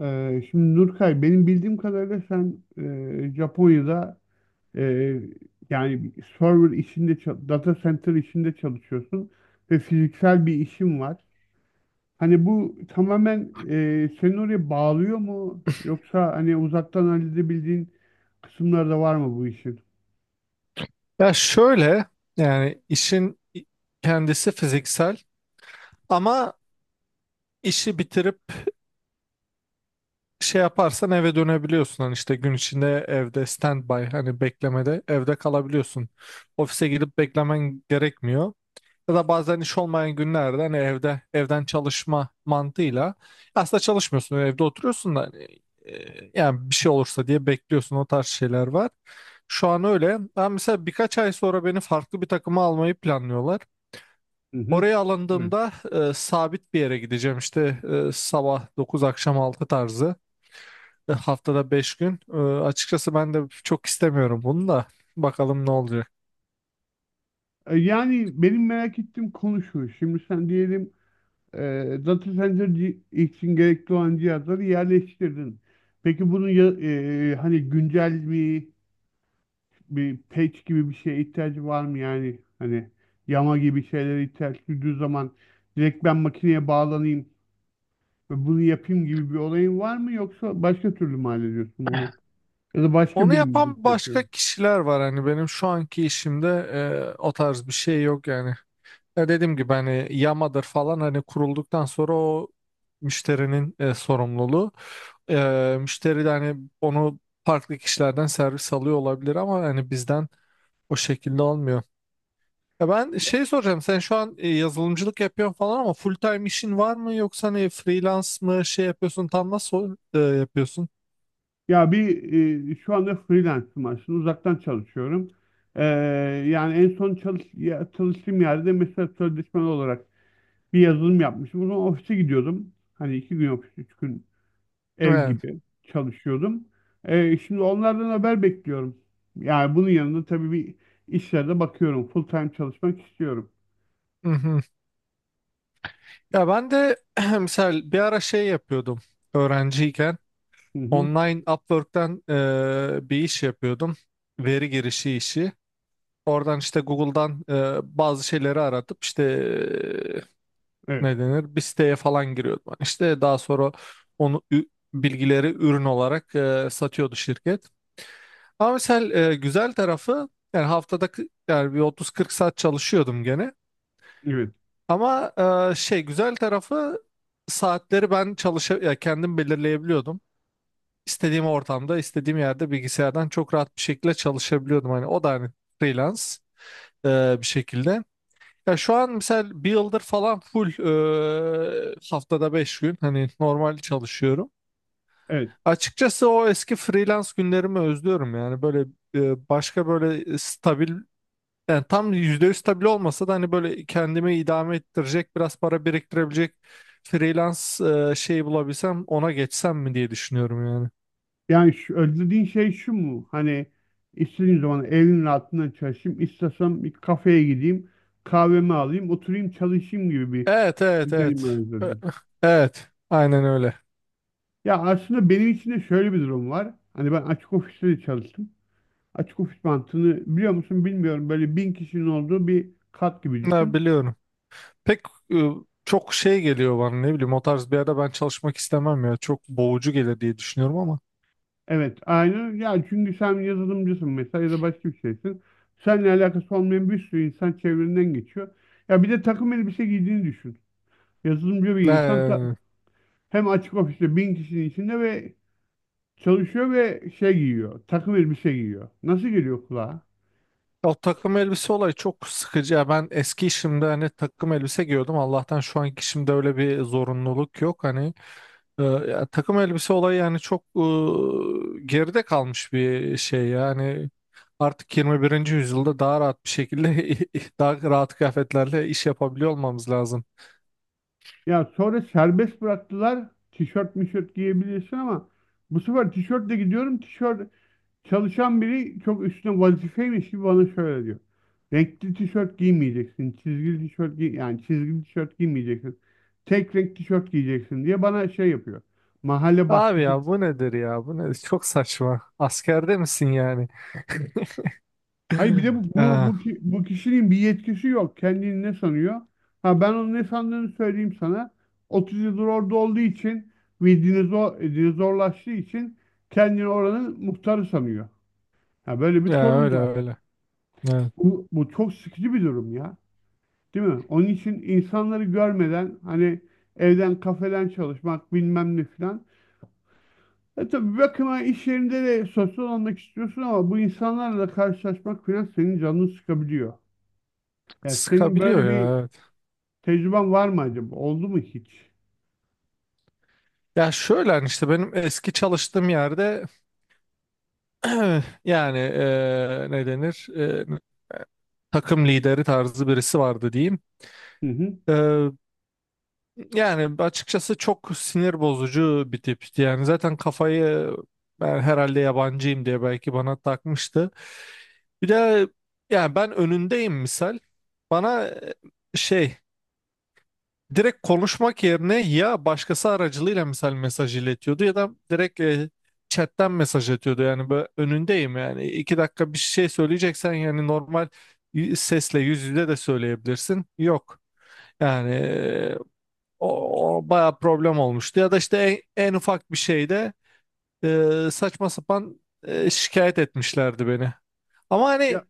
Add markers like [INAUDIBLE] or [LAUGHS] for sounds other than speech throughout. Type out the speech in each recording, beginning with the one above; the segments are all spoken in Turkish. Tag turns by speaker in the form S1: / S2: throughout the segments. S1: Şimdi Nurkay, benim bildiğim kadarıyla sen Japonya'da, e, yani data center işinde çalışıyorsun ve fiziksel bir işin var. Hani bu tamamen seni oraya bağlıyor mu? Yoksa hani uzaktan halledebildiğin kısımları da var mı bu işin?
S2: Ya şöyle yani işin kendisi fiziksel ama işi bitirip şey yaparsan eve dönebiliyorsun. Hani işte gün içinde evde standby hani beklemede evde kalabiliyorsun. Ofise gidip beklemen gerekmiyor. Ya da bazen iş olmayan günlerde hani evde evden çalışma mantığıyla aslında çalışmıyorsun evde oturuyorsun da hani, yani bir şey olursa diye bekliyorsun o tarz şeyler var. Şu an öyle. Ben mesela birkaç ay sonra beni farklı bir takıma almayı planlıyorlar.
S1: Hı hı.
S2: Oraya
S1: Evet.
S2: alındığımda sabit bir yere gideceğim işte. Sabah 9 akşam 6 tarzı. Haftada 5 gün. Açıkçası ben de çok istemiyorum bunu da bakalım ne olacak.
S1: Yani benim merak ettiğim konu şu. Şimdi sen diyelim e, data center için gerekli olan cihazları yerleştirdin. Peki bunun hani güncel bir patch gibi bir şeye ihtiyacı var mı, yani hani yama gibi şeylere ihtiyaç duyduğu zaman direkt ben makineye bağlanayım ve bunu yapayım gibi bir olayın var mı, yoksa başka türlü mü hallediyorsun bunu? Ya da başka
S2: Onu
S1: biri mi bunu
S2: yapan
S1: yapıyor?
S2: başka kişiler var hani benim şu anki işimde o tarz bir şey yok yani. Ya dediğim gibi hani Yama'dır falan hani kurulduktan sonra o müşterinin sorumluluğu. Müşteri de hani onu farklı kişilerden servis alıyor olabilir ama hani bizden o şekilde olmuyor. Ya ben şey soracağım. Sen şu an yazılımcılık yapıyorsun falan ama full time işin var mı yoksa hani freelance mı şey yapıyorsun tam nasıl yapıyorsun?
S1: Ya, şu anda freelance'ım, aslında uzaktan çalışıyorum. Ee, Yani en son çalıştığım yerde mesela sözleşmeli olarak bir yazılım yapmıştım. O zaman ofise gidiyordum. Hani 2 gün ofis, 3 gün ev
S2: Evet.
S1: gibi çalışıyordum. Şimdi onlardan haber bekliyorum. Yani bunun yanında tabii bir işlerde bakıyorum. Full time çalışmak istiyorum.
S2: Hı hı. Ya ben de [CLEARS THROAT] mesela bir ara şey yapıyordum öğrenciyken
S1: Hı hı.
S2: online Upwork'ten bir iş yapıyordum. Veri girişi işi. Oradan işte Google'dan bazı şeyleri aratıp işte
S1: Evet,
S2: ne denir bir siteye falan giriyordum. Hani İşte daha sonra onu ü- bilgileri ürün olarak satıyordu şirket. Ama mesela güzel tarafı yani haftada yani bir 30-40 saat çalışıyordum gene.
S1: evet,
S2: Ama şey güzel tarafı saatleri ben ya kendim belirleyebiliyordum. İstediğim ortamda, istediğim yerde bilgisayardan çok rahat bir şekilde çalışabiliyordum. Hani o da hani freelance bir şekilde. Ya şu an mesela bir yıldır falan full haftada 5 gün hani normal çalışıyorum.
S1: evet.
S2: Açıkçası o eski freelance günlerimi özlüyorum yani böyle başka böyle stabil. Yani tam %100 stabil olmasa da hani böyle kendimi idame ettirecek biraz para biriktirebilecek freelance şey bulabilsem ona geçsem mi diye düşünüyorum yani.
S1: Yani şu, ödediğin şey şu mu? Hani istediğim zaman evimin altından çalışayım. İstesem bir kafeye gideyim. Kahvemi alayım, oturayım, çalışayım gibi bir
S2: Evet, evet,
S1: düzenimi
S2: evet. E-
S1: özledim.
S2: Evet, aynen öyle.
S1: Ya, aslında benim için de şöyle bir durum var. Hani ben açık ofiste de çalıştım. Açık ofis mantığını biliyor musun, bilmiyorum. Böyle bin kişinin olduğu bir kat gibi
S2: Ha,
S1: düşün.
S2: biliyorum. Pek e, çok şey geliyor bana ne bileyim o tarz bir yerde ben çalışmak istemem ya. Çok boğucu gelir diye düşünüyorum ama.
S1: Evet, aynı. Ya çünkü sen yazılımcısın mesela, ya da başka bir şeysin. Seninle alakası olmayan bir sürü insan çevrenden geçiyor. Ya bir de takım elbise giydiğini düşün. Yazılımcı bir insan
S2: E,
S1: hem açık ofiste bin kişinin içinde ve çalışıyor ve şey giyiyor. Takım elbise giyiyor. Nasıl geliyor kulağa?
S2: O takım elbise olayı çok sıkıcı. Ya ben eski işimde hani takım elbise giyiyordum. Allah'tan şu anki işimde öyle bir zorunluluk yok. Hani. Ya takım elbise olayı yani çok geride kalmış bir şey yani artık 21. yüzyılda daha rahat bir şekilde [LAUGHS] daha rahat kıyafetlerle iş yapabiliyor olmamız lazım.
S1: Ya sonra serbest bıraktılar. Tişört mişört giyebilirsin ama bu sefer tişörtle gidiyorum. Tişört çalışan biri çok üstüne vazifeymiş gibi bana şöyle diyor. Renkli tişört giymeyeceksin. Çizgili tişört giy, yani çizgili tişört giymeyeceksin. Tek renk tişört giyeceksin diye bana şey yapıyor. Mahalle
S2: Abi
S1: baskısı.
S2: ya bu nedir ya bu nedir çok saçma askerde misin yani?
S1: Hayır, bir de
S2: [LAUGHS] Ya,
S1: bu kişinin bir yetkisi yok. Kendini ne sanıyor? Ha, ben onun ne sandığını söyleyeyim sana. 30 yıldır orada olduğu için ve dinozorlaştığı için kendini oranın muhtarı sanıyor. Ha, böyle bir
S2: ya
S1: sorun
S2: öyle
S1: var.
S2: öyle. Evet.
S1: Bu, bu çok sıkıcı bir durum ya. Değil mi? Onun için insanları görmeden hani evden, kafeden çalışmak bilmem ne filan. E tabii, bir bakıma iş yerinde de sosyal olmak istiyorsun ama bu insanlarla karşılaşmak filan senin canını sıkabiliyor. Yani senin
S2: Sıkabiliyor
S1: böyle bir
S2: ya. Evet.
S1: tecrüben var mı acaba? Oldu mu hiç?
S2: Ya şöyle hani işte benim eski çalıştığım yerde [CLEARS THROAT] yani ne denir? Takım lideri tarzı birisi vardı diyeyim.
S1: Hı hı.
S2: Eee, Yani açıkçası çok sinir bozucu bir tipti. Yani zaten kafayı ben herhalde yabancıyım diye belki bana takmıştı. Bir de yani ben önündeyim misal. Bana şey direkt konuşmak yerine ya başkası aracılığıyla misal mesaj iletiyordu ya da direkt chatten mesaj atıyordu. Yani böyle önündeyim yani 2 dakika bir şey söyleyeceksen yani normal sesle yüz yüze de söyleyebilirsin. Yok yani o bayağı problem olmuştu ya da işte en ufak bir şeyde saçma sapan şikayet etmişlerdi beni. Ama hani
S1: Ya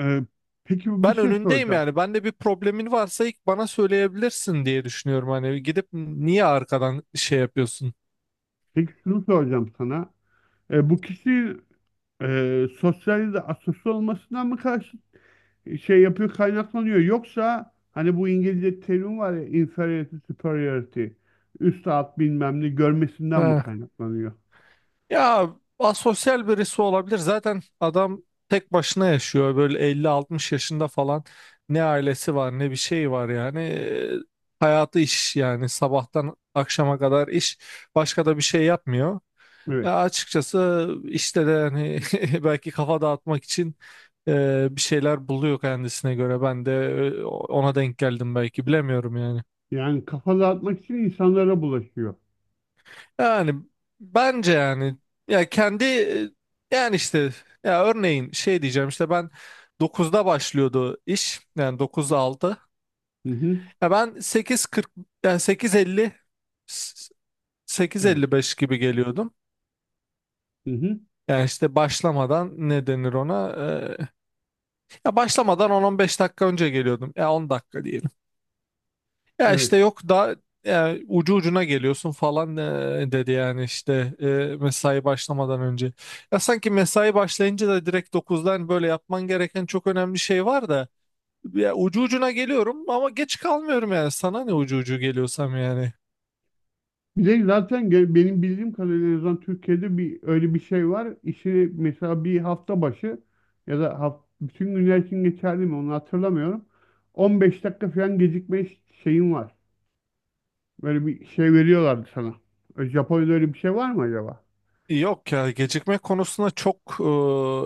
S1: e, peki bir
S2: ben
S1: şey
S2: önündeyim
S1: soracağım.
S2: yani. Ben de bir problemin varsa ilk bana söyleyebilirsin diye düşünüyorum. Hani gidip niye arkadan şey yapıyorsun?
S1: Peki şunu soracağım sana. Bu kişi sosyal de asosyal olmasından mı karşı şey yapıyor, kaynaklanıyor, yoksa hani bu İngilizce terim var ya, inferiority superiority, üst alt bilmem ne görmesinden mi kaynaklanıyor?
S2: Ya asosyal birisi olabilir. Zaten adam tek başına yaşıyor. Böyle 50-60 yaşında falan. Ne ailesi var ne bir şey var yani. Hayatı iş yani sabahtan akşama kadar iş. Başka da bir şey yapmıyor. Ya
S1: Evet.
S2: açıkçası işte de hani [LAUGHS] belki kafa dağıtmak için bir şeyler buluyor kendisine göre. Ben de ona denk geldim belki bilemiyorum yani.
S1: Yani kafa dağıtmak için insanlara bulaşıyor.
S2: Yani bence yani ya kendi yani işte ya örneğin şey diyeceğim işte ben dokuzda başlıyordu iş yani dokuz altı.
S1: Hı hı.
S2: Ya ben 8:40 yani 8:50 s- sekiz
S1: Evet.
S2: elli beş gibi geliyordum.
S1: Hı hı.
S2: Yani işte başlamadan ne denir ona? Ee, Ya başlamadan 10-15 dakika önce geliyordum. Ya 10 dakika. Ya
S1: Evet.
S2: işte yok da yani ucu ucuna geliyorsun falan dedi yani işte mesai başlamadan önce. Ya sanki mesai başlayınca da direkt dokuzdan böyle yapman gereken çok önemli şey var da ya ucu ucuna geliyorum ama geç kalmıyorum yani sana ne ucu ucu geliyorsam yani.
S1: Bir de zaten benim bildiğim kadarıyla en azından Türkiye'de bir, öyle bir şey var. İşi mesela bir hafta başı ya da bütün günler için geçerli mi onu hatırlamıyorum. 15 dakika falan gecikme şeyin var. Böyle bir şey veriyorlardı sana. Japonya'da öyle bir şey var mı acaba?
S2: Yok ya gecikme konusunda çok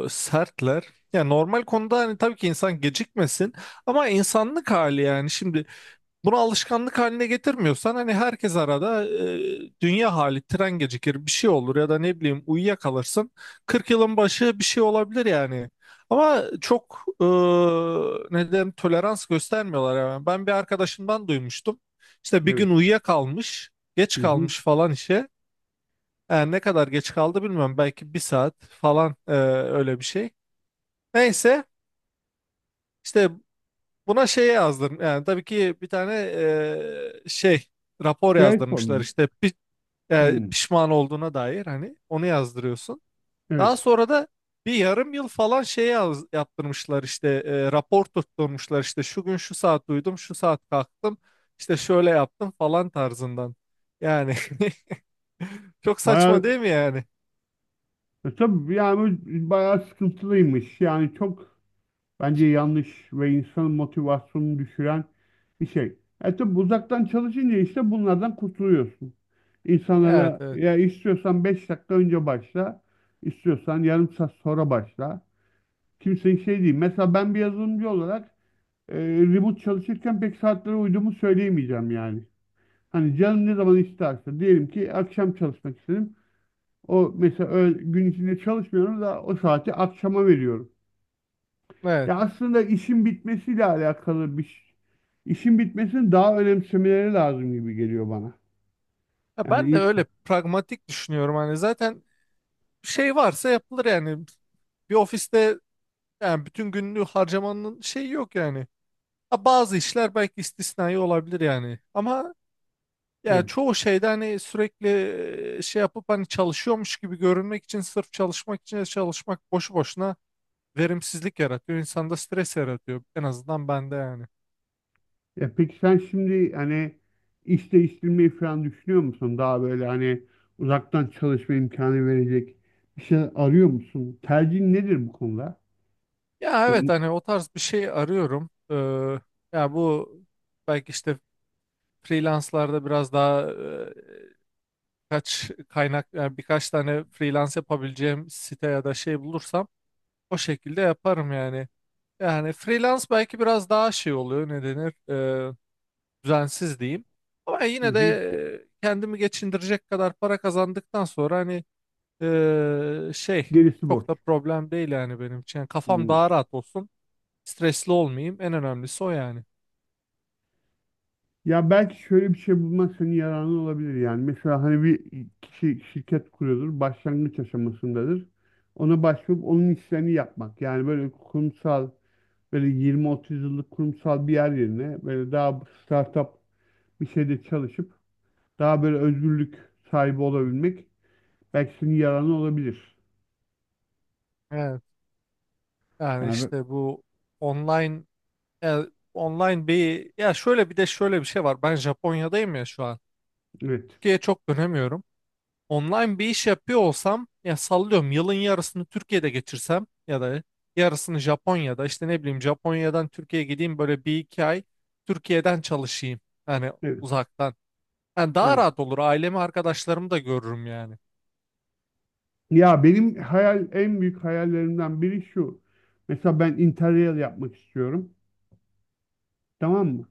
S2: sertler. Ya normal konuda hani tabii ki insan gecikmesin ama insanlık hali yani şimdi. Bunu alışkanlık haline getirmiyorsan hani herkes arada dünya hali tren gecikir bir şey olur ya da ne bileyim uyuyakalırsın. 40 yılın başı bir şey olabilir yani. Ama çok ne derim tolerans göstermiyorlar yani. Ben bir arkadaşımdan duymuştum. İşte bir
S1: Evet.
S2: gün uyuyakalmış, geç
S1: Hı hı.
S2: kalmış falan işe. Yani ne kadar geç kaldı bilmiyorum. Belki bir saat falan öyle bir şey. Neyse işte. Buna şey yazdım. Yani tabii ki bir tane şey rapor
S1: Şikayet formu
S2: yazdırmışlar
S1: mu?
S2: işte
S1: Hı.
S2: pişman olduğuna dair hani onu yazdırıyorsun. Daha
S1: Evet.
S2: sonra da bir yarım yıl falan yaptırmışlar işte rapor tutturmuşlar işte şu gün şu saat uyudum şu saat kalktım işte şöyle yaptım falan tarzından. Yani [LAUGHS] çok saçma
S1: Bayağı,
S2: değil mi yani?
S1: tabii yani bu bayağı sıkıntılıymış. Yani çok, bence yanlış ve insanın motivasyonunu düşüren bir şey. Tabi uzaktan çalışınca işte bunlardan kurtuluyorsun.
S2: Evet,
S1: İnsanlarla,
S2: evet.
S1: ya istiyorsan 5 dakika önce başla, istiyorsan yarım saat sonra başla. Kimsenin şey değil. Mesela ben bir yazılımcı olarak e, remote çalışırken pek saatlere uyduğumu söyleyemeyeceğim yani. Hani canım ne zaman isterse, diyelim ki akşam çalışmak istedim. O mesela gün içinde çalışmıyorum da o saati akşama veriyorum.
S2: Evet.
S1: Ya aslında işin bitmesiyle alakalı bir işin bitmesini daha önemsemeleri lazım gibi geliyor bana.
S2: Ya
S1: Yani
S2: ben de
S1: iyi-
S2: öyle pragmatik düşünüyorum hani zaten şey varsa yapılır yani bir ofiste. Yani bütün günlüğü harcamanın şeyi yok yani. Ha, bazı işler belki istisnai olabilir yani. Ama yani
S1: evet.
S2: çoğu şeyde hani sürekli şey yapıp hani çalışıyormuş gibi görünmek için sırf çalışmak için de çalışmak boşu boşuna verimsizlik yaratıyor. İnsanda stres yaratıyor. En azından bende yani.
S1: Ya peki sen şimdi hani iş değiştirmeyi falan düşünüyor musun? Daha böyle hani uzaktan çalışma imkanı verecek bir şey arıyor musun? Tercihin nedir bu konuda?
S2: Ya evet
S1: Yani,
S2: hani o tarz bir şey arıyorum. Ya bu belki işte freelance'larda biraz daha kaç kaynak yani birkaç tane freelance yapabileceğim site ya da şey bulursam o şekilde yaparım yani. Yani freelance belki biraz daha şey oluyor ne denir e, düzensiz diyeyim. Ama
S1: hı
S2: yine de
S1: hı.
S2: kendimi geçindirecek kadar para kazandıktan sonra hani şey
S1: Gerisi boş.
S2: çok da problem değil yani benim için. Yani kafam
S1: Hı.
S2: daha rahat olsun, stresli olmayayım en önemlisi o yani.
S1: Ya belki şöyle bir şey bulmak senin yararına olabilir yani. Mesela hani bir kişi şirket kuruyordur, başlangıç aşamasındadır. Ona başvurup onun işlerini yapmak. Yani böyle kurumsal, böyle 20-30 yıllık kurumsal bir yer yerine böyle daha startup bir şeyde çalışıp daha böyle özgürlük sahibi olabilmek belki senin yararına olabilir.
S2: Evet, yani
S1: Yani ben-
S2: işte bu online e, bir ya şöyle bir de şöyle bir şey var. Ben Japonya'dayım ya şu an.
S1: evet,
S2: Türkiye'ye çok dönemiyorum. Online bir iş yapıyor olsam ya sallıyorum yılın yarısını Türkiye'de geçirsem ya da yarısını Japonya'da işte ne bileyim Japonya'dan Türkiye'ye gideyim böyle bir iki ay Türkiye'den çalışayım yani
S1: evet,
S2: uzaktan. Yani daha
S1: evet.
S2: rahat olur ailemi arkadaşlarımı da görürüm yani.
S1: Ya benim hayal, en büyük hayallerimden biri şu. Mesela ben Interrail yapmak istiyorum. Tamam mı?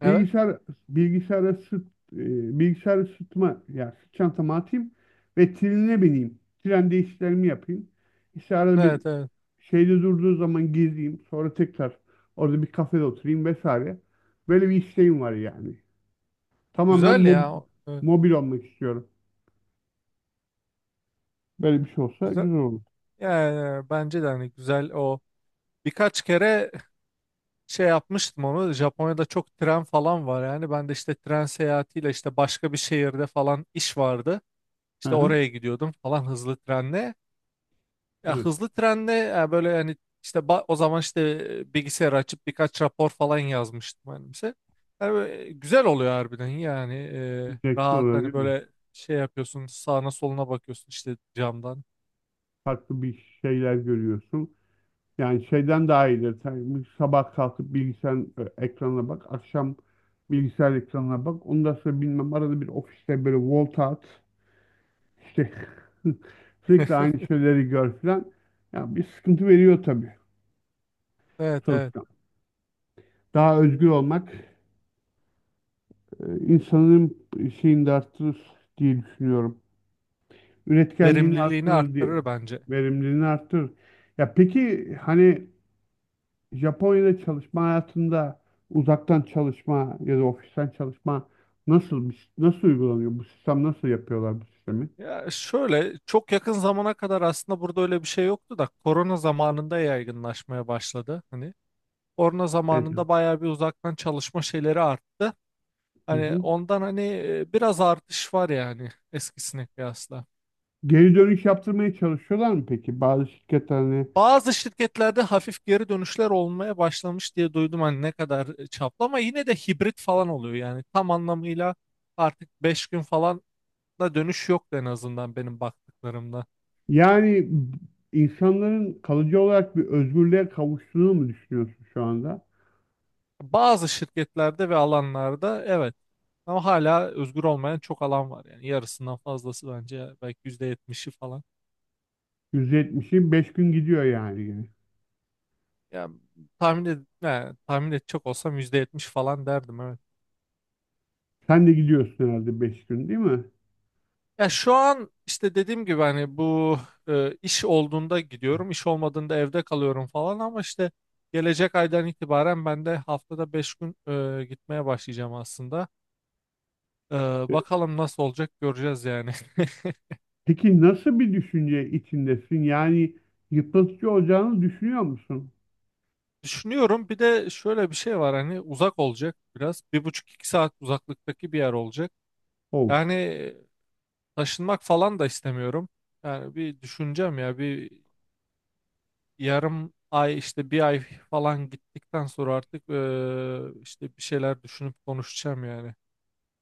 S2: Evet,
S1: Bilgisayar bilgisayara sırt e, bilgisayara sırtıma ya sırt çantamı atayım ve trenine bineyim. Trende işlerimi yapayım. İşte arada bir
S2: evet, evet,
S1: şeyde durduğu zaman gezeyim. Sonra tekrar orada bir kafede oturayım vesaire. Böyle bir isteğim var yani. Tamamen
S2: güzel ya. Evet,
S1: mobil olmak istiyorum. Böyle bir şey olsa
S2: güzel
S1: güzel olur.
S2: yani bence de hani güzel o birkaç kere şey yapmıştım onu Japonya'da çok tren falan var yani ben de işte tren seyahatiyle işte başka bir şehirde falan iş vardı.
S1: Hı
S2: İşte
S1: hı.
S2: oraya gidiyordum falan hızlı trenle. Ya
S1: Evet,
S2: hızlı trenle ya böyle hani işte o zaman işte bilgisayarı açıp birkaç rapor falan yazmıştım hani bize. Yani böyle güzel oluyor harbiden yani
S1: zevkli
S2: rahat
S1: olur
S2: hani
S1: değil mi?
S2: böyle şey yapıyorsun sağına soluna bakıyorsun işte camdan.
S1: Farklı bir şeyler görüyorsun. Yani şeyden daha iyidir. Sen bir sabah kalkıp bilgisayar ekranına bak. Akşam bilgisayar ekranına bak. Ondan sonra bilmem, arada bir ofiste böyle volta at. İşte [LAUGHS] sürekli aynı şeyleri gör filan. Ya bir sıkıntı veriyor tabii
S2: Evet, evet,
S1: sonuçta. Daha özgür olmak insanın şeyini de arttırır diye düşünüyorum. Üretkenliğini
S2: verimliliğini
S1: arttırır diye.
S2: arttırır bence.
S1: Verimliliğini arttırır. Ya peki hani Japonya'da çalışma hayatında uzaktan çalışma ya da ofisten çalışma nasıl nasıl uygulanıyor? Bu sistem, nasıl yapıyorlar bu sistemi?
S2: Ya şöyle çok yakın zamana kadar aslında burada öyle bir şey yoktu da korona zamanında yaygınlaşmaya başladı. Hani korona
S1: Evet.
S2: zamanında bayağı bir uzaktan çalışma şeyleri arttı.
S1: Hı
S2: Hani
S1: hı.
S2: ondan hani biraz artış var yani eskisine kıyasla.
S1: Geri dönüş yaptırmaya çalışıyorlar mı peki? Bazı şirketler hani,
S2: Bazı şirketlerde hafif geri dönüşler olmaya başlamış diye duydum hani ne kadar çaplı ama yine de hibrit falan oluyor yani tam anlamıyla artık 5 gün falan da dönüş yok en azından benim baktıklarımda.
S1: yani insanların kalıcı olarak bir özgürlüğe kavuştuğunu mu düşünüyorsun şu anda?
S2: Bazı şirketlerde ve alanlarda evet ama hala özgür olmayan çok alan var yani yarısından fazlası bence belki %70'i falan.
S1: %70'i 5 gün gidiyor yani yine.
S2: Yani tahmin, ed yani tahmin edecek olsam %70 falan derdim evet.
S1: Sen de gidiyorsun herhalde 5 gün, değil mi?
S2: Ya şu an işte dediğim gibi hani bu iş olduğunda gidiyorum, iş olmadığında evde kalıyorum falan ama işte gelecek aydan itibaren ben de haftada 5 gün gitmeye başlayacağım aslında. E,
S1: E,
S2: Bakalım nasıl olacak göreceğiz yani.
S1: Peki nasıl bir düşünce içindesin? Yani yıpratıcı olacağını düşünüyor musun?
S2: [LAUGHS] Düşünüyorum bir de şöyle bir şey var hani uzak olacak biraz. Bir buçuk iki saat uzaklıktaki bir yer olacak.
S1: Ol.
S2: Yani taşınmak falan da istemiyorum. Yani bir düşüneceğim ya bir yarım ay işte bir ay falan gittikten sonra artık işte bir şeyler düşünüp konuşacağım yani.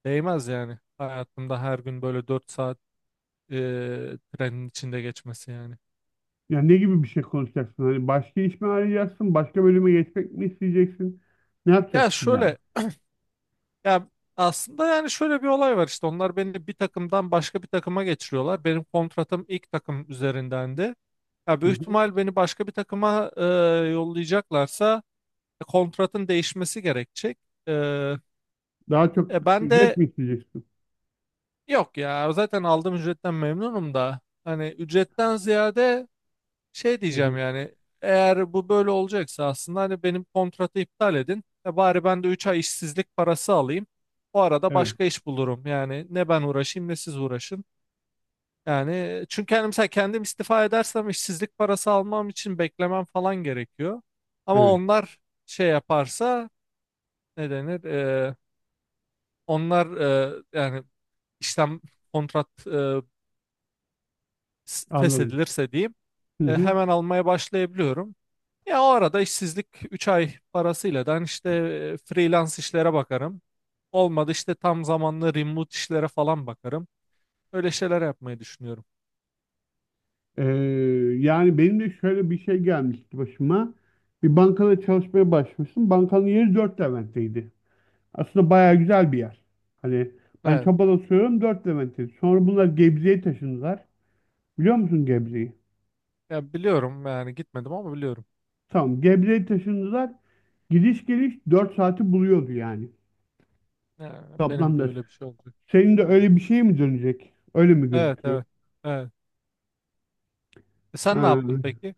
S2: Değmez yani hayatımda her gün böyle 4 saat trenin içinde geçmesi yani.
S1: Yani ne gibi bir şey konuşacaksın? Hani başka iş mi arayacaksın? Başka bölüme geçmek mi isteyeceksin? Ne
S2: Ya
S1: yapacaksın yani?
S2: şöyle ya aslında yani şöyle bir olay var işte onlar beni bir takımdan başka bir takıma geçiriyorlar. Benim kontratım ilk takım üzerindendi. Ya
S1: Hı
S2: büyük
S1: hı.
S2: ihtimal beni başka bir takıma yollayacaklarsa kontratın değişmesi gerekecek. Eee,
S1: Daha çok
S2: Ben
S1: ücret
S2: de...
S1: mi isteyeceksin?
S2: Yok ya zaten aldığım ücretten memnunum da hani ücretten ziyade şey
S1: Hı
S2: diyeceğim
S1: hı.
S2: yani eğer bu böyle olacaksa aslında hani benim kontratı iptal edin. E bari ben de 3 ay işsizlik parası alayım. O arada
S1: Evet,
S2: başka iş bulurum. Yani ne ben uğraşayım ne siz uğraşın. Yani çünkü hani mesela kendim istifa edersem işsizlik parası almam için beklemem falan gerekiyor. Ama
S1: evet.
S2: onlar şey yaparsa ne denir? Onlar yani işlem kontrat
S1: Anladım.
S2: feshedilirse diyeyim
S1: Hı hı.
S2: hemen almaya başlayabiliyorum. Ya o arada işsizlik 3 ay parasıyla ben işte freelance işlere bakarım. Olmadı işte tam zamanlı remote işlere falan bakarım. Öyle şeyler yapmayı düşünüyorum.
S1: Ee, Yani benim de şöyle bir şey gelmişti başıma. Bir bankada çalışmaya başlamıştım. Bankanın yeri 4 Levent'teydi. Aslında bayağı güzel bir yer. Hani ben
S2: Evet.
S1: çabalıyorum, 4 Levent'teydi. Sonra bunlar Gebze'ye taşındılar. Biliyor musun Gebze'yi?
S2: Ya biliyorum yani gitmedim ama biliyorum.
S1: Tamam. Gebze'ye taşındılar. Gidiş geliş 4 saati buluyordu yani.
S2: Ya benim de
S1: Toplamda.
S2: öyle bir şey olacak.
S1: Senin de
S2: Evet.
S1: öyle bir şey mi dönecek? Öyle mi
S2: Evet,
S1: gözüküyor?
S2: evet. Evet. E sen ne yaptın
S1: Ha.
S2: peki?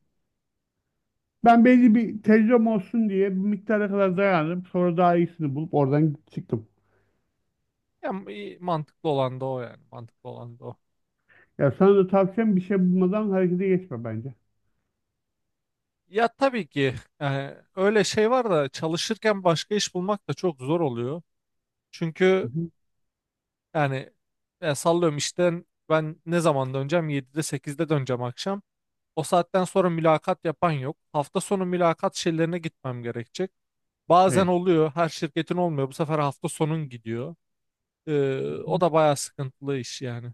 S1: Ben belli bir tecrübem olsun diye bir miktara kadar dayandım. Sonra daha iyisini bulup oradan çıktım.
S2: Ya iyi, mantıklı olan da o yani. Mantıklı olan da o.
S1: Ya, sana da tavsiyem, bir şey bulmadan harekete geçme bence.
S2: Ya tabii ki yani öyle şey var da çalışırken başka iş bulmak da çok zor oluyor.
S1: Hı
S2: Çünkü
S1: hı.
S2: yani sallıyorum işten ben ne zaman döneceğim? 7'de 8'de döneceğim akşam. O saatten sonra mülakat yapan yok. Hafta sonu mülakat şeylerine gitmem gerekecek. Bazen
S1: Evet.
S2: oluyor. Her şirketin olmuyor. Bu sefer hafta sonun gidiyor. Ee,
S1: Hı
S2: O
S1: hı.
S2: da bayağı sıkıntılı iş yani.